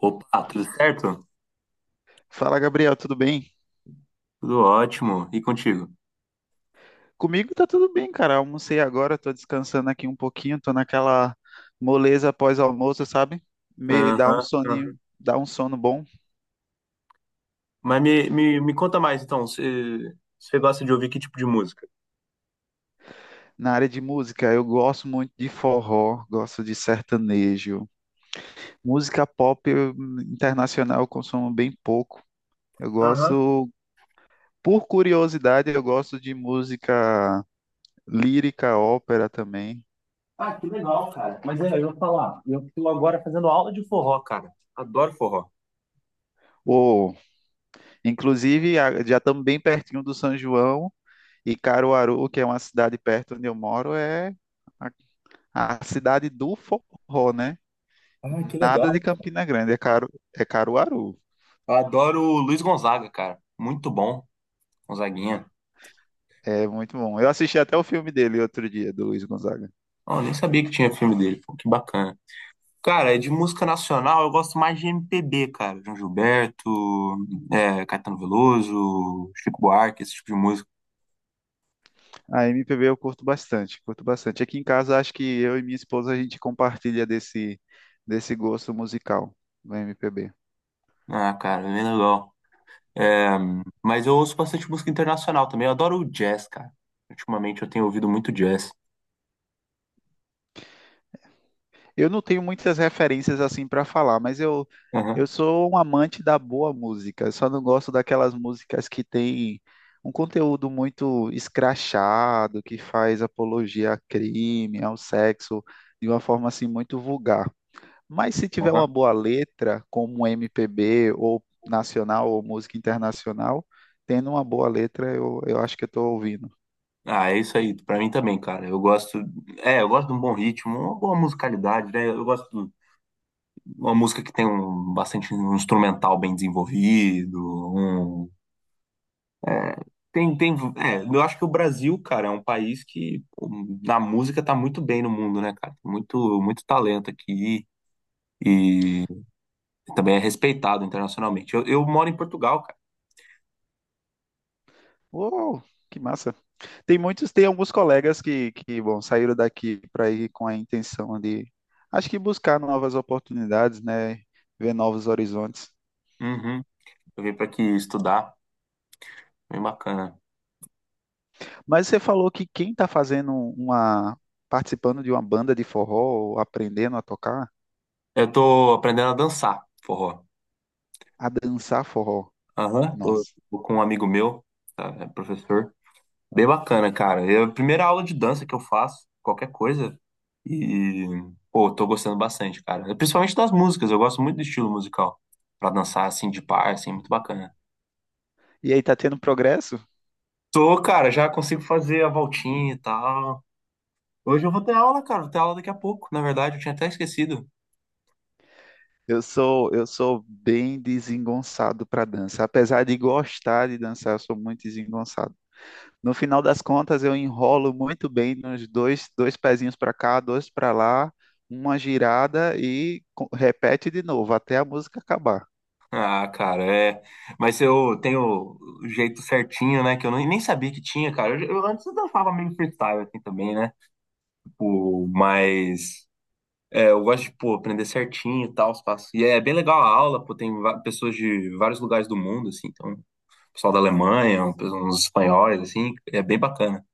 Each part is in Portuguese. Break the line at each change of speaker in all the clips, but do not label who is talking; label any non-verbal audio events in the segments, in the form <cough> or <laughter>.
Opa, tudo certo?
Fala, Gabriel, tudo bem?
Tudo ótimo. E contigo?
Comigo tá tudo bem, cara. Almocei agora, tô descansando aqui um pouquinho, tô naquela moleza pós-almoço, sabe? Meio dá um
Aham, aham.
soninho, dá um sono bom.
Mas me conta mais, então. Você gosta de ouvir que tipo de música?
Na área de música, eu gosto muito de forró, gosto de sertanejo. Música pop eu- Internacional eu consumo bem pouco. Eu
Aham.
gosto, por curiosidade, eu gosto de música lírica, ópera também.
Ah, que legal, cara. Mas é, eu vou falar. Eu estou agora fazendo aula de forró, cara. Adoro forró.
Ou, inclusive, já estamos bem pertinho do São João. E Caruaru, que é uma cidade perto onde eu moro, é a cidade do forró, né?
Ah, que
Nada de
legal.
Campina Grande, é, Caru, é Caruaru.
Adoro o Luiz Gonzaga, cara. Muito bom, Gonzaguinha.
É muito bom. Eu assisti até o filme dele outro dia, do Luiz Gonzaga.
Oh, nem sabia que tinha filme dele. Pô, que bacana. Cara, de música nacional, eu gosto mais de MPB, cara. João Gilberto, é, Caetano Veloso, Chico Buarque, esse tipo de música.
A MPB eu curto bastante, curto bastante. Aqui em casa, acho que eu e minha esposa, a gente compartilha desse gosto musical do MPB.
Ah, cara, bem legal. É, mas eu ouço bastante música internacional também. Eu adoro o jazz, cara. Ultimamente eu tenho ouvido muito jazz.
Eu não tenho muitas referências assim para falar, mas eu
Aham,
sou um amante da boa música. Eu só não gosto daquelas músicas que têm um conteúdo muito escrachado, que faz apologia a crime, ao sexo, de uma forma assim muito vulgar. Mas se tiver
aham.
uma boa letra, como MPB ou nacional ou música internacional, tendo uma boa letra, eu acho que eu estou ouvindo.
Ah, é isso aí. Pra mim também, cara. Eu gosto. É, eu gosto de um bom ritmo, uma boa musicalidade, né? Eu gosto de uma música que tem um bastante um instrumental bem desenvolvido. um- é, tem. É, eu acho que o Brasil, cara, é um país que pô, na música tá muito bem no mundo, né, cara? Muito, muito talento aqui. E E também é respeitado internacionalmente. Eu moro em Portugal, cara.
Uou, que massa! Tem muitos, tem alguns colegas que bom, saíram daqui para ir com a intenção de, acho que buscar novas oportunidades, né? Ver novos horizontes.
Uhum. Eu vim pra aqui estudar. Bem bacana.
Mas você falou que quem está fazendo uma, participando de uma banda de forró, ou aprendendo a tocar,
Eu tô aprendendo a dançar forró.
a dançar forró,
Aham. Tô,
nossa.
tô com um amigo meu, tá, é professor. Bem bacana, cara. É a primeira aula de dança que eu faço, qualquer coisa. E, pô, tô gostando bastante, cara. É principalmente das músicas. Eu gosto muito do estilo musical. Pra dançar, assim, de par, assim, muito bacana.
E aí, tá tendo progresso?
Tô, cara, já consigo fazer a voltinha e tal. Hoje eu vou ter aula, cara. Vou ter aula daqui a pouco. Na verdade, eu tinha até esquecido.
Eu sou bem desengonçado para dança. Apesar de gostar de dançar, eu sou muito desengonçado. No final das contas, eu enrolo muito bem nos dois, dois pezinhos para cá, dois para lá, uma girada e repete de novo até a música acabar.
Ah, cara, é. Mas eu tenho o jeito certinho, né? Que eu nem sabia que tinha, cara. Eu antes eu dançava meio freestyle assim também, né? Tipo, mas é, eu gosto de, pô, aprender certinho e tal, os passos. E é bem legal a aula, pô, pessoas de vários lugares do mundo, assim. Então, pessoal da Alemanha, uns espanhóis, assim, é bem bacana.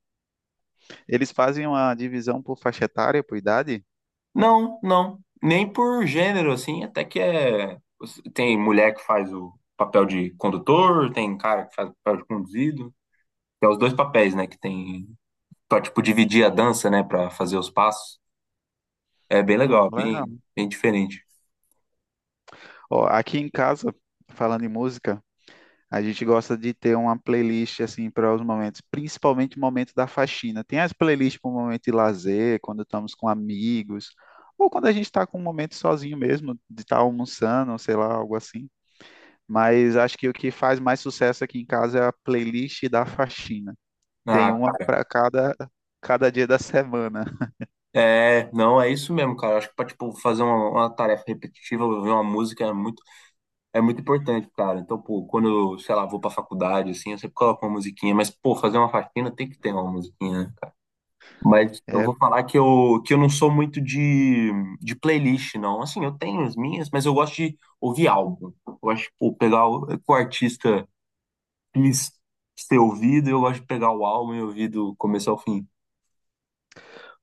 Eles fazem uma divisão por faixa etária, por idade?
Não, não. Nem por gênero, assim, até que é. Tem mulher que faz o papel de condutor, tem cara que faz o papel de conduzido. Tem os dois papéis, né? Que tem. Pra, tipo, dividir a dança, né? Pra fazer os passos. É bem
Oh,
legal, bem,
legal.
bem diferente.
Ó, aqui em casa, falando em música, a gente gosta de ter uma playlist assim para os momentos, principalmente o momento da faxina. Tem as playlists para o momento de lazer, quando estamos com amigos, ou quando a gente está com um momento sozinho mesmo, de estar almoçando, sei lá, algo assim. Mas acho que o que faz mais sucesso aqui em casa é a playlist da faxina. Tem
Ah,
uma
cara,
para cada, cada dia da semana.
é, não, é isso mesmo, cara. Acho que pra, tipo, fazer uma tarefa repetitiva, ouvir uma música é muito importante, cara. Então, pô, quando eu, sei lá, vou pra faculdade, assim, eu sempre coloco uma musiquinha, mas, pô, fazer uma faxina tem que ter uma musiquinha, né? Mas eu
É,
vou falar que que eu não sou muito de playlist, não. Assim, eu tenho as minhas, mas eu gosto de ouvir álbum. Eu gosto de pô, pegar o que o artista quis ser ouvido, eu gosto de pegar o álbum e ouvir do começo ao fim.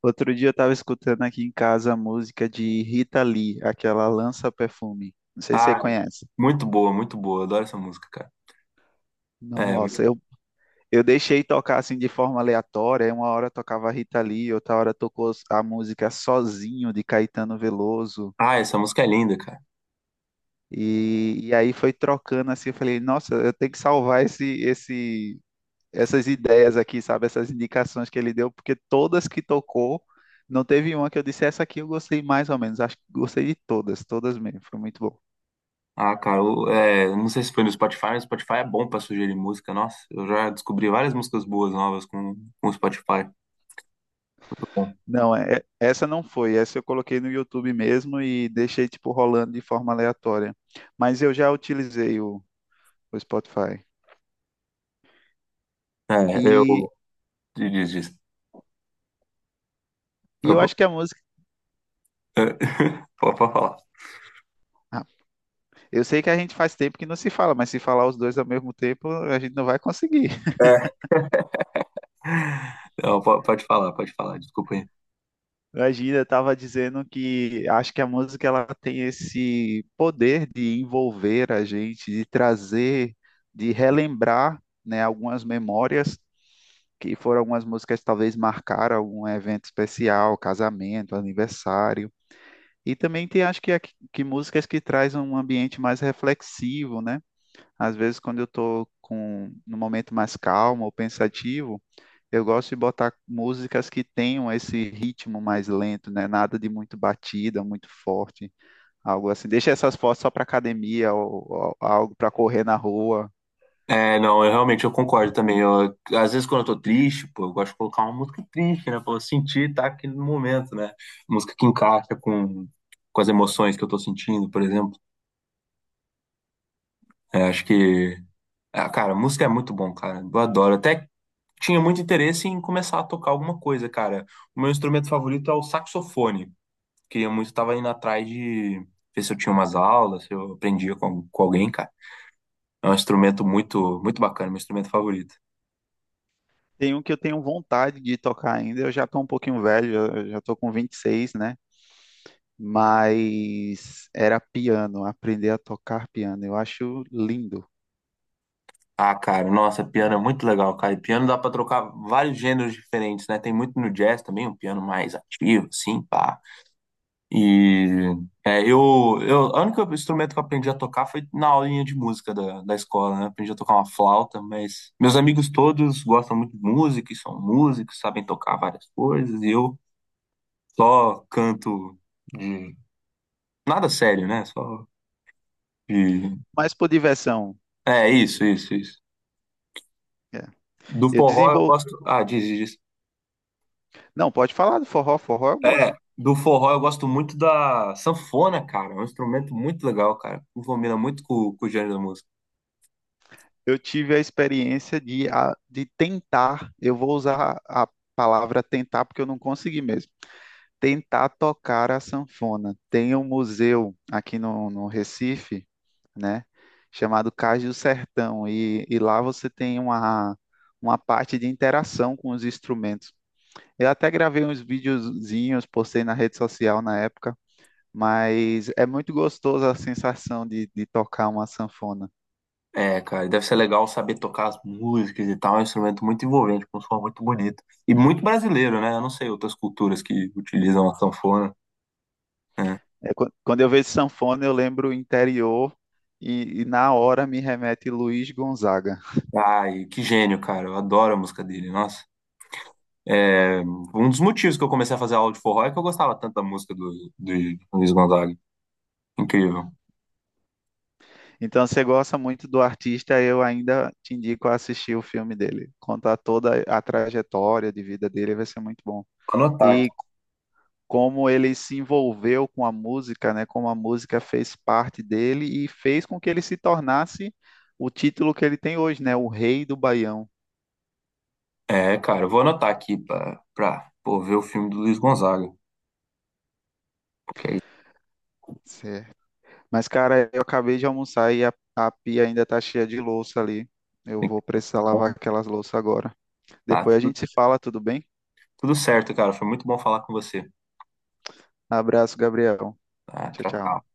outro dia eu estava escutando aqui em casa a música de Rita Lee, aquela Lança Perfume. Não sei se você
Ah,
conhece.
muito boa, muito boa. Eu adoro essa música, cara. É,
Nossa, eu, eu deixei tocar assim de forma aleatória. Aí uma hora tocava Rita Lee, outra hora tocou a música Sozinho de Caetano Veloso.
ah, essa música é linda, cara.
E aí foi trocando assim. Eu falei, nossa, eu tenho que salvar esse essas ideias aqui, sabe? Essas indicações que ele deu, porque todas que tocou, não teve uma que eu disse, essa aqui eu gostei mais ou menos. Acho que gostei de todas, todas mesmo. Foi muito bom.
Ah, cara, eu, é, não sei se foi no Spotify, mas o Spotify é bom pra sugerir música. Nossa, eu já descobri várias músicas boas novas com o Spotify. Então,
Não, essa não foi. Essa eu coloquei no YouTube mesmo e deixei, tipo, rolando de forma aleatória. Mas eu já utilizei o Spotify.
é,
E,
eu. Diz, diz.
e eu acho que a música.
<laughs> Pode falar.
Ah, eu sei que a gente faz tempo que não se fala, mas se falar os dois ao mesmo tempo, a gente não vai conseguir.
É, Não, po- pode falar, desculpa aí.
Imagina, estava dizendo que acho que a música ela tem esse poder de envolver a gente, de trazer, de relembrar, né, algumas memórias que foram algumas músicas que talvez marcaram algum evento especial, casamento, aniversário. E também tem acho que músicas que trazem um ambiente mais reflexivo, né? Às vezes quando eu estou com num momento mais calmo ou pensativo, eu gosto de botar músicas que tenham esse ritmo mais lento, né? Nada de muito batida, muito forte, algo assim. Deixa essas fotos só para academia ou algo para correr na rua.
É, não, eu realmente eu concordo também. Eu, às vezes quando eu tô triste, pô, eu gosto de colocar uma música triste, né? Pra eu sentir, tá aquele momento, né? Música que encaixa com as emoções que eu tô sentindo, por exemplo. É, acho que, ah, cara, música é muito bom, cara. Eu adoro. Até tinha muito interesse em começar a tocar alguma coisa, cara. O meu instrumento favorito é o saxofone. Queria muito, tava indo atrás de ver se eu tinha umas aulas, se eu aprendia com alguém, cara. É um instrumento muito, muito bacana, meu instrumento favorito.
Tem um que eu tenho vontade de tocar ainda. Eu já tô um pouquinho velho, eu já tô com 26, né? Mas era piano, aprender a tocar piano. Eu acho lindo.
Ah, cara, nossa, piano é muito legal, cara. E piano dá pra trocar vários gêneros diferentes, né? Tem muito no jazz também, um piano mais ativo, assim, pá. E é, o único instrumento que eu aprendi a tocar foi na aulinha de música da, da escola, né? Aprendi a tocar uma flauta, mas meus amigos todos gostam muito de música e são músicos, sabem tocar várias coisas, e eu só canto de nada sério, né? Só de.
Mas por diversão.
É, isso, isso, isso.
É.
Do
Eu
forró eu
desenvolvo.
gosto. Ah, diz, diz.
Não, pode falar do forró. Forró eu gosto.
É, do forró eu gosto muito da sanfona, cara. É um instrumento muito legal, cara. Combina muito com o gênero da música.
Eu tive a experiência de, de tentar, eu vou usar a palavra tentar porque eu não consegui mesmo, tentar tocar a sanfona. Tem um museu aqui no Recife, né, chamado Cais do Sertão, e lá você tem uma parte de interação com os instrumentos. Eu até gravei uns videozinhos, postei na rede social na época, mas é muito gostoso a sensação de tocar uma sanfona.
É, cara, deve ser legal saber tocar as músicas e tal. É um instrumento muito envolvente, com um som muito bonito. E muito brasileiro, né? Eu não sei outras culturas que utilizam a sanfona. Né?
É, quando eu vejo sanfona, eu lembro interior e na hora me remete Luiz Gonzaga.
Ai, que gênio, cara. Eu adoro a música dele, nossa. É, um dos motivos que eu comecei a fazer aula de forró é que eu gostava tanto da música do Luiz Gonzaga. Incrível.
Então, se você gosta muito do artista, eu ainda te indico a assistir o filme dele. Contar toda a trajetória de vida dele, vai ser muito bom.
Anotar
E como ele se envolveu com a música, né? Como a música fez parte dele e fez com que ele se tornasse o título que ele tem hoje, né? O Rei do Baião.
Cara, eu vou anotar aqui pra pô, ver o filme do Luiz Gonzaga. Porque aí
Mas, cara, eu acabei de almoçar e a pia ainda tá cheia de louça ali. Eu
tem que.
vou precisar lavar aquelas louças agora.
Ah,
Depois a
tudo,
gente se fala, tudo bem?
tudo certo, cara. Foi muito bom falar com você.
Abraço, Gabriel.
Ah,
Tchau,
tchau,
tchau.
tchau.